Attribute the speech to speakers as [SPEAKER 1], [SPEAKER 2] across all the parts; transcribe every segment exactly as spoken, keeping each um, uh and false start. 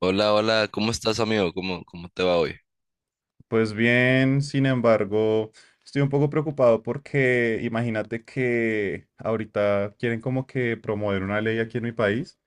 [SPEAKER 1] Hola, hola, ¿cómo estás, amigo? ¿Cómo, cómo te va hoy?
[SPEAKER 2] Pues bien, sin embargo, estoy un poco preocupado porque imagínate que ahorita quieren como que promover una ley aquí en mi país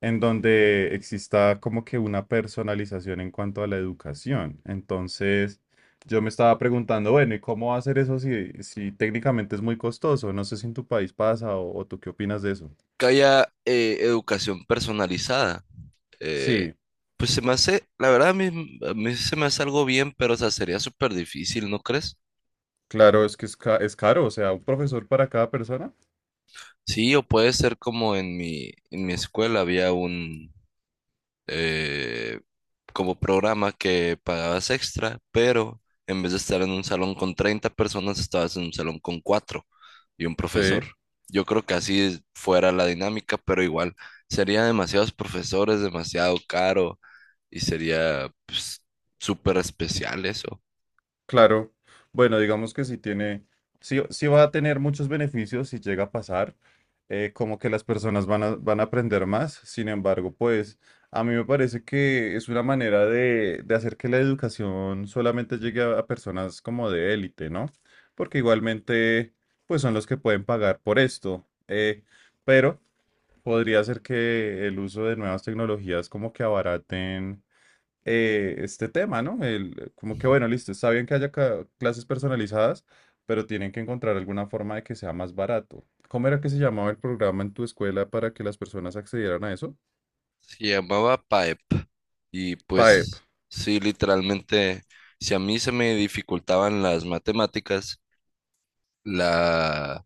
[SPEAKER 2] en donde exista como que una personalización en cuanto a la educación. Entonces, yo me estaba preguntando, bueno, ¿y cómo hacer eso si, si técnicamente es muy costoso? No sé si en tu país pasa o, o tú qué opinas de eso.
[SPEAKER 1] Que haya eh, educación personalizada. eh,
[SPEAKER 2] Sí,
[SPEAKER 1] pues se me hace, la verdad, a mí, a mí se me hace algo bien, pero o sea, sería súper difícil, ¿no crees?
[SPEAKER 2] claro, es que es, ca- es caro, o sea, un profesor para cada persona.
[SPEAKER 1] Sí, o puede ser como en mi, en mi escuela había un, eh, como programa que pagabas extra, pero en vez de estar en un salón con treinta personas, estabas en un salón con cuatro y un profesor.
[SPEAKER 2] Sí.
[SPEAKER 1] Yo creo que así es- fuera la dinámica, pero igual sería demasiados profesores, demasiado caro y sería pues, súper especial eso.
[SPEAKER 2] Claro, bueno, digamos que sí tiene, sí, sí va a tener muchos beneficios si llega a pasar, eh, como que las personas van a, van a aprender más, sin embargo, pues a mí me parece que es una manera de, de hacer que la educación solamente llegue a, a personas como de élite, ¿no? Porque igualmente, pues son los que pueden pagar por esto, eh, pero podría ser que el uso de nuevas tecnologías como que abaraten eh, este tema, ¿no? El, como que, bueno, listo, está bien que haya ca- clases personalizadas, pero tienen que encontrar alguna forma de que sea más barato. ¿Cómo era que se llamaba el programa en tu escuela para que las personas accedieran a eso?
[SPEAKER 1] Se llamaba PAEP y
[SPEAKER 2] PAEP,
[SPEAKER 1] pues
[SPEAKER 2] o
[SPEAKER 1] sí, literalmente, si a mí se me dificultaban las matemáticas, la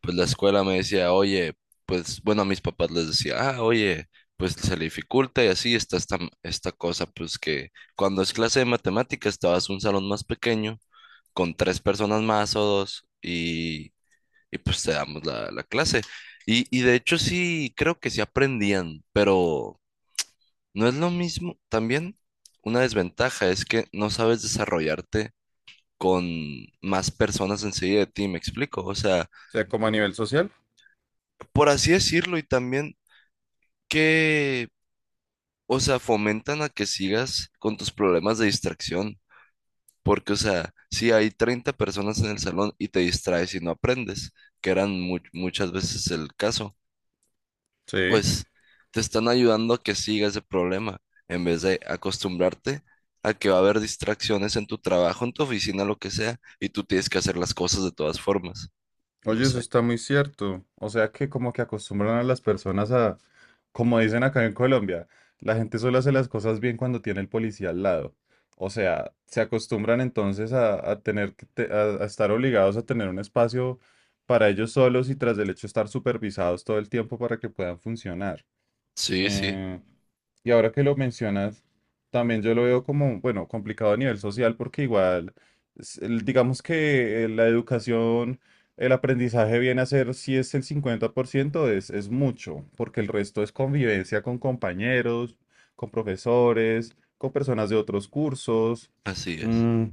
[SPEAKER 1] pues la escuela me decía, oye, pues bueno, a mis papás les decía, ah, oye, pues se le dificulta y así está esta, esta cosa, pues que cuando es clase de matemáticas te vas a un salón más pequeño con tres personas más o dos y, y pues te damos la, la clase. Y, y de hecho sí, creo que sí aprendían, pero no es lo mismo. También una desventaja es que no sabes desarrollarte con más personas enseguida de ti, ¿me explico? O sea,
[SPEAKER 2] sea, como a nivel social.
[SPEAKER 1] por así decirlo, y también que, o sea, fomentan a que sigas con tus problemas de distracción. Porque, o sea, si hay treinta personas en el salón y te distraes y no aprendes, que eran mu- muchas veces el caso,
[SPEAKER 2] Sí.
[SPEAKER 1] pues te están ayudando a que sigas ese problema, en vez de acostumbrarte a que va a haber distracciones en tu trabajo, en tu oficina, lo que sea, y tú tienes que hacer las cosas de todas formas. No
[SPEAKER 2] Oye, eso
[SPEAKER 1] sé.
[SPEAKER 2] está muy cierto. O sea que como que acostumbran a las personas a como dicen acá en Colombia, la gente solo hace las cosas bien cuando tiene el policía al lado. O sea, se acostumbran entonces a, a tener que te- a, a estar obligados a tener un espacio para ellos solos y tras del hecho estar supervisados todo el tiempo para que puedan funcionar.
[SPEAKER 1] Sí, sí,
[SPEAKER 2] Eh, y ahora que lo mencionas, también yo lo veo como, bueno, complicado a nivel social porque igual, es el- digamos que eh, la educación, el aprendizaje viene a ser, si es el cincuenta por ciento es, es mucho, porque el resto es convivencia con compañeros, con profesores, con personas de otros cursos.
[SPEAKER 1] así es.
[SPEAKER 2] Mm,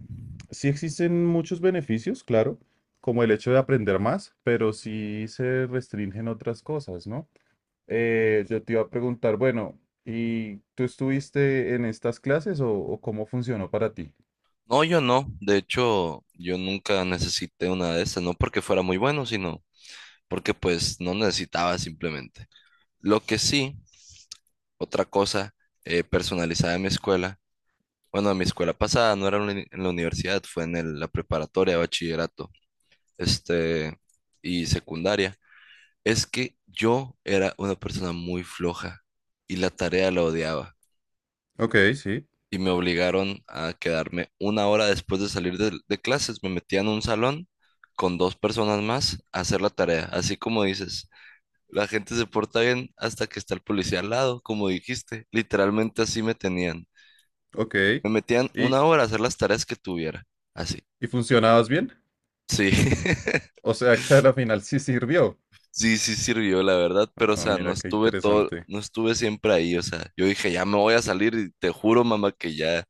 [SPEAKER 2] sí existen muchos beneficios, claro, como el hecho de aprender más, pero sí se restringen otras cosas, ¿no? Eh, yo te iba a preguntar, bueno, ¿y tú estuviste en estas clases o, o cómo funcionó para ti?
[SPEAKER 1] No, yo no. De hecho, yo nunca necesité una de esas, no porque fuera muy bueno, sino porque pues no necesitaba simplemente. Lo que sí, otra cosa eh, personalizada en mi escuela, bueno, en mi escuela pasada no era en la uni- en la universidad, fue en el- la preparatoria, bachillerato, este, y secundaria, es que yo era una persona muy floja y la tarea la odiaba.
[SPEAKER 2] Ok, sí,
[SPEAKER 1] Y me obligaron a quedarme una hora después de salir de, de clases. Me metía en un salón con dos personas más a hacer la tarea. Así como dices, la gente se porta bien hasta que está el policía al lado, como dijiste. Literalmente así me tenían.
[SPEAKER 2] ok.
[SPEAKER 1] Me metían
[SPEAKER 2] ¿Y,
[SPEAKER 1] una hora a hacer las tareas que tuviera. Así.
[SPEAKER 2] y funcionabas bien?
[SPEAKER 1] Sí,
[SPEAKER 2] O sea que a la final sí sirvió.
[SPEAKER 1] sí, sí sirvió, la verdad, pero o
[SPEAKER 2] Ah,
[SPEAKER 1] sea, no
[SPEAKER 2] mira qué
[SPEAKER 1] estuve todo,
[SPEAKER 2] interesante.
[SPEAKER 1] no estuve siempre ahí, o sea, yo dije, ya me voy a salir y te juro, mamá, que ya,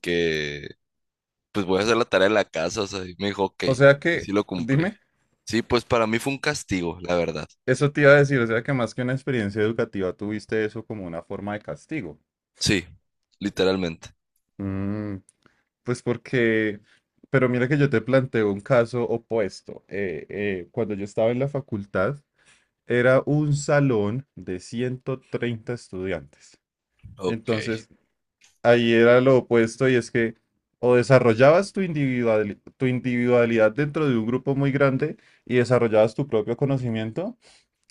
[SPEAKER 1] que pues voy a hacer la tarea de la casa, o sea, y me dijo, ok,
[SPEAKER 2] O sea
[SPEAKER 1] y sí
[SPEAKER 2] que,
[SPEAKER 1] lo cumplí.
[SPEAKER 2] dime,
[SPEAKER 1] Sí, pues para mí fue un castigo, la verdad.
[SPEAKER 2] eso te iba a decir, o sea que más que una experiencia educativa tuviste eso como una forma de castigo.
[SPEAKER 1] Sí, literalmente.
[SPEAKER 2] Mm, pues porque, pero mira que yo te planteo un caso opuesto. Eh, eh, cuando yo estaba en la facultad, era un salón de ciento treinta estudiantes.
[SPEAKER 1] Ok,
[SPEAKER 2] Entonces, ahí era lo opuesto y es que o desarrollabas tu individuali- tu individualidad dentro de un grupo muy grande y desarrollabas tu propio conocimiento,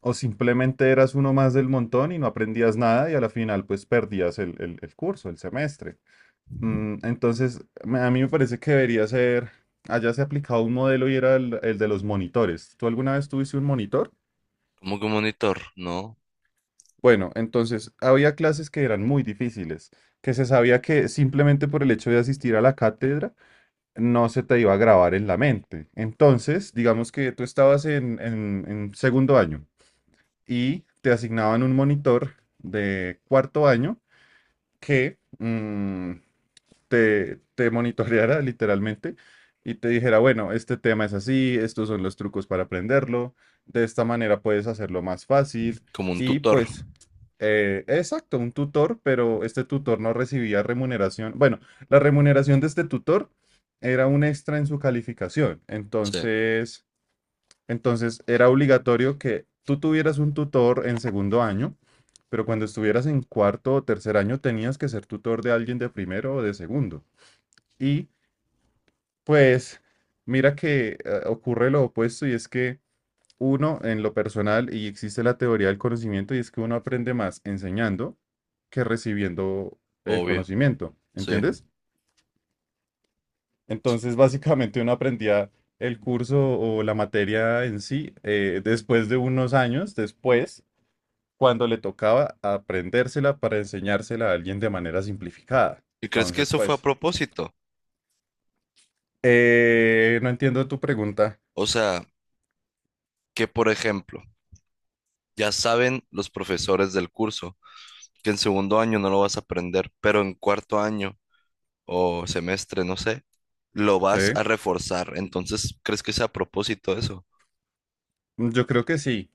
[SPEAKER 2] o simplemente eras uno más del montón y no aprendías nada y a la final pues perdías el, el- el curso, el semestre. Mm, entonces, me- a mí me parece que debería ser, allá se ha aplicado un modelo y era el, el de los monitores. ¿Tú alguna vez tuviste un monitor?
[SPEAKER 1] como que un monitor, ¿no?
[SPEAKER 2] Bueno, entonces había clases que eran muy difíciles, que se sabía que simplemente por el hecho de asistir a la cátedra no se te iba a grabar en la mente. Entonces, digamos que tú estabas en, en- en segundo año y te asignaban un monitor de cuarto año que, mm, te, te monitoreara literalmente y te dijera, bueno, este tema es así, estos son los trucos para aprenderlo, de esta manera puedes hacerlo más fácil
[SPEAKER 1] Como un
[SPEAKER 2] y
[SPEAKER 1] tutor.
[SPEAKER 2] pues, eh, exacto, un tutor, pero este tutor no recibía remuneración. Bueno, la remuneración de este tutor era un extra en su calificación,
[SPEAKER 1] Sí,
[SPEAKER 2] entonces, entonces era obligatorio que tú tuvieras un tutor en segundo año. Pero cuando estuvieras en cuarto o tercer año tenías que ser tutor de alguien de primero o de segundo. Y pues mira que eh, ocurre lo opuesto y es que uno en lo personal, y existe la teoría del conocimiento, y es que uno aprende más enseñando que recibiendo el
[SPEAKER 1] obvio,
[SPEAKER 2] conocimiento,
[SPEAKER 1] sí.
[SPEAKER 2] ¿entiendes?
[SPEAKER 1] Sí.
[SPEAKER 2] Entonces básicamente uno aprendía el curso o la materia en sí eh, después de unos años, después, cuando le tocaba aprendérsela para enseñársela a alguien de manera simplificada.
[SPEAKER 1] ¿Y crees que
[SPEAKER 2] Entonces,
[SPEAKER 1] eso fue a
[SPEAKER 2] pues,
[SPEAKER 1] propósito?
[SPEAKER 2] eh, no entiendo tu pregunta,
[SPEAKER 1] O sea, que por ejemplo, ya saben los profesores del curso que en segundo año no lo vas a aprender, pero en cuarto año o semestre, no sé, lo
[SPEAKER 2] ¿sí?
[SPEAKER 1] vas a reforzar. Entonces, ¿crees que sea a propósito eso?
[SPEAKER 2] Mm, yo creo que sí.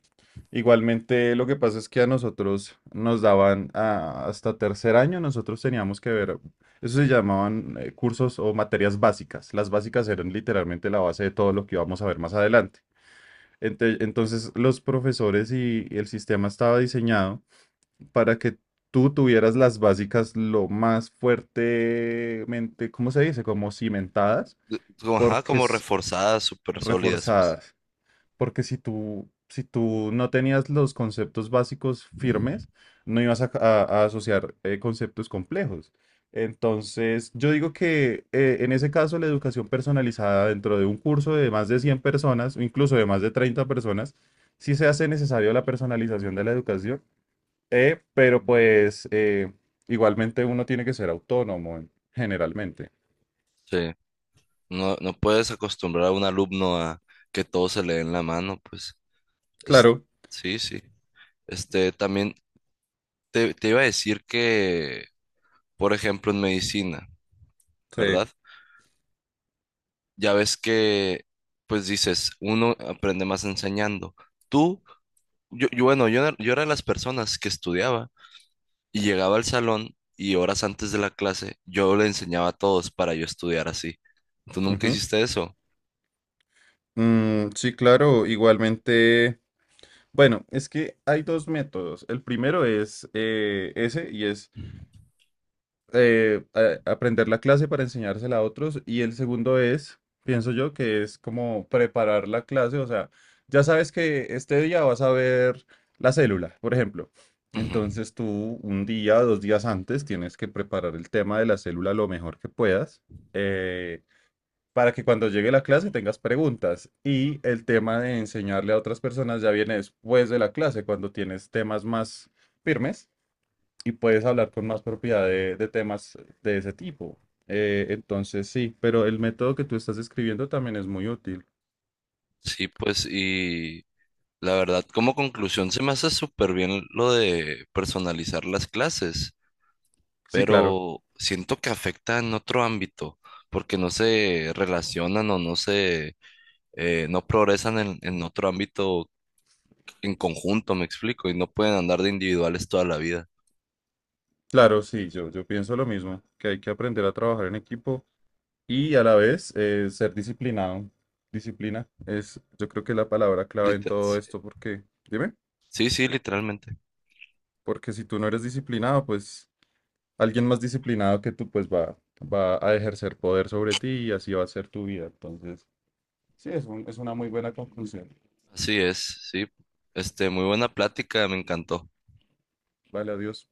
[SPEAKER 2] Igualmente, lo que pasa es que a nosotros nos daban ah, hasta tercer año, nosotros teníamos que ver, eso se llamaban eh, cursos o materias básicas. Las básicas eran literalmente la base de todo lo que íbamos a ver más adelante. Ente- Entonces, los profesores y el sistema estaba diseñado para que tú tuvieras las básicas lo más fuertemente, ¿cómo se dice? Como cimentadas,
[SPEAKER 1] Como, ajá,
[SPEAKER 2] porque
[SPEAKER 1] como
[SPEAKER 2] es
[SPEAKER 1] reforzadas, súper sólidas, pues.
[SPEAKER 2] reforzadas porque si tú, si tú no tenías los conceptos básicos firmes, no ibas a, a- a asociar eh, conceptos complejos. Entonces, yo digo que eh, en ese caso la educación personalizada dentro de un curso de más de cien personas, o incluso de más de treinta personas, sí se hace necesario la personalización de la educación, eh, pero pues eh, igualmente uno tiene que ser autónomo en- generalmente.
[SPEAKER 1] Sí. No, no puedes acostumbrar a un alumno a que todo se le dé en la mano, pues. Es,
[SPEAKER 2] Claro,
[SPEAKER 1] sí, sí. Este, también te, te iba a decir que, por ejemplo, en medicina,
[SPEAKER 2] sí.
[SPEAKER 1] ¿verdad? Ya ves que, pues dices, uno aprende más enseñando. Tú, yo, yo, bueno, yo, era- yo era de las personas que estudiaba y llegaba al salón y horas antes de la clase yo le enseñaba a todos para yo estudiar así. ¿Tú nunca
[SPEAKER 2] Ujú.
[SPEAKER 1] hiciste eso?
[SPEAKER 2] Mm, sí, claro, igualmente. Bueno, es que hay dos métodos. El primero es eh, ese y es eh, a- aprender la clase para enseñársela a otros. Y el segundo es, pienso yo, que es como preparar la clase. O sea, ya sabes que este día vas a ver la célula, por ejemplo.
[SPEAKER 1] Ujú.
[SPEAKER 2] Entonces tú un día, dos días antes, tienes que preparar el tema de la célula lo mejor que puedas. eh, para que cuando llegue la clase tengas preguntas. Y el tema de enseñarle a otras personas ya viene después de la clase, cuando tienes temas más firmes y puedes hablar con más propiedad de, de temas de ese tipo. Eh, entonces, sí, pero el método que tú estás escribiendo también es muy útil.
[SPEAKER 1] Sí, pues, y la verdad, como conclusión, se me hace súper bien lo de personalizar las clases,
[SPEAKER 2] Sí, claro,
[SPEAKER 1] pero siento que afecta en otro ámbito, porque no se relacionan o no se, eh, no progresan en, en otro ámbito en conjunto, me explico, y no pueden andar de individuales toda la vida.
[SPEAKER 2] claro, sí, yo, yo pienso lo mismo, que hay que aprender a trabajar en equipo y a la vez eh, ser disciplinado. Disciplina es, yo creo que es la palabra clave en todo
[SPEAKER 1] Liter-
[SPEAKER 2] esto, porque, dime,
[SPEAKER 1] sí, sí, literalmente.
[SPEAKER 2] porque si tú no eres disciplinado, pues alguien más disciplinado que tú, pues va, va a ejercer poder sobre ti y así va a ser tu vida. Entonces, sí, es un- es una muy buena conclusión.
[SPEAKER 1] Así es, sí. Este, muy buena plática, me encantó.
[SPEAKER 2] Vale, adiós.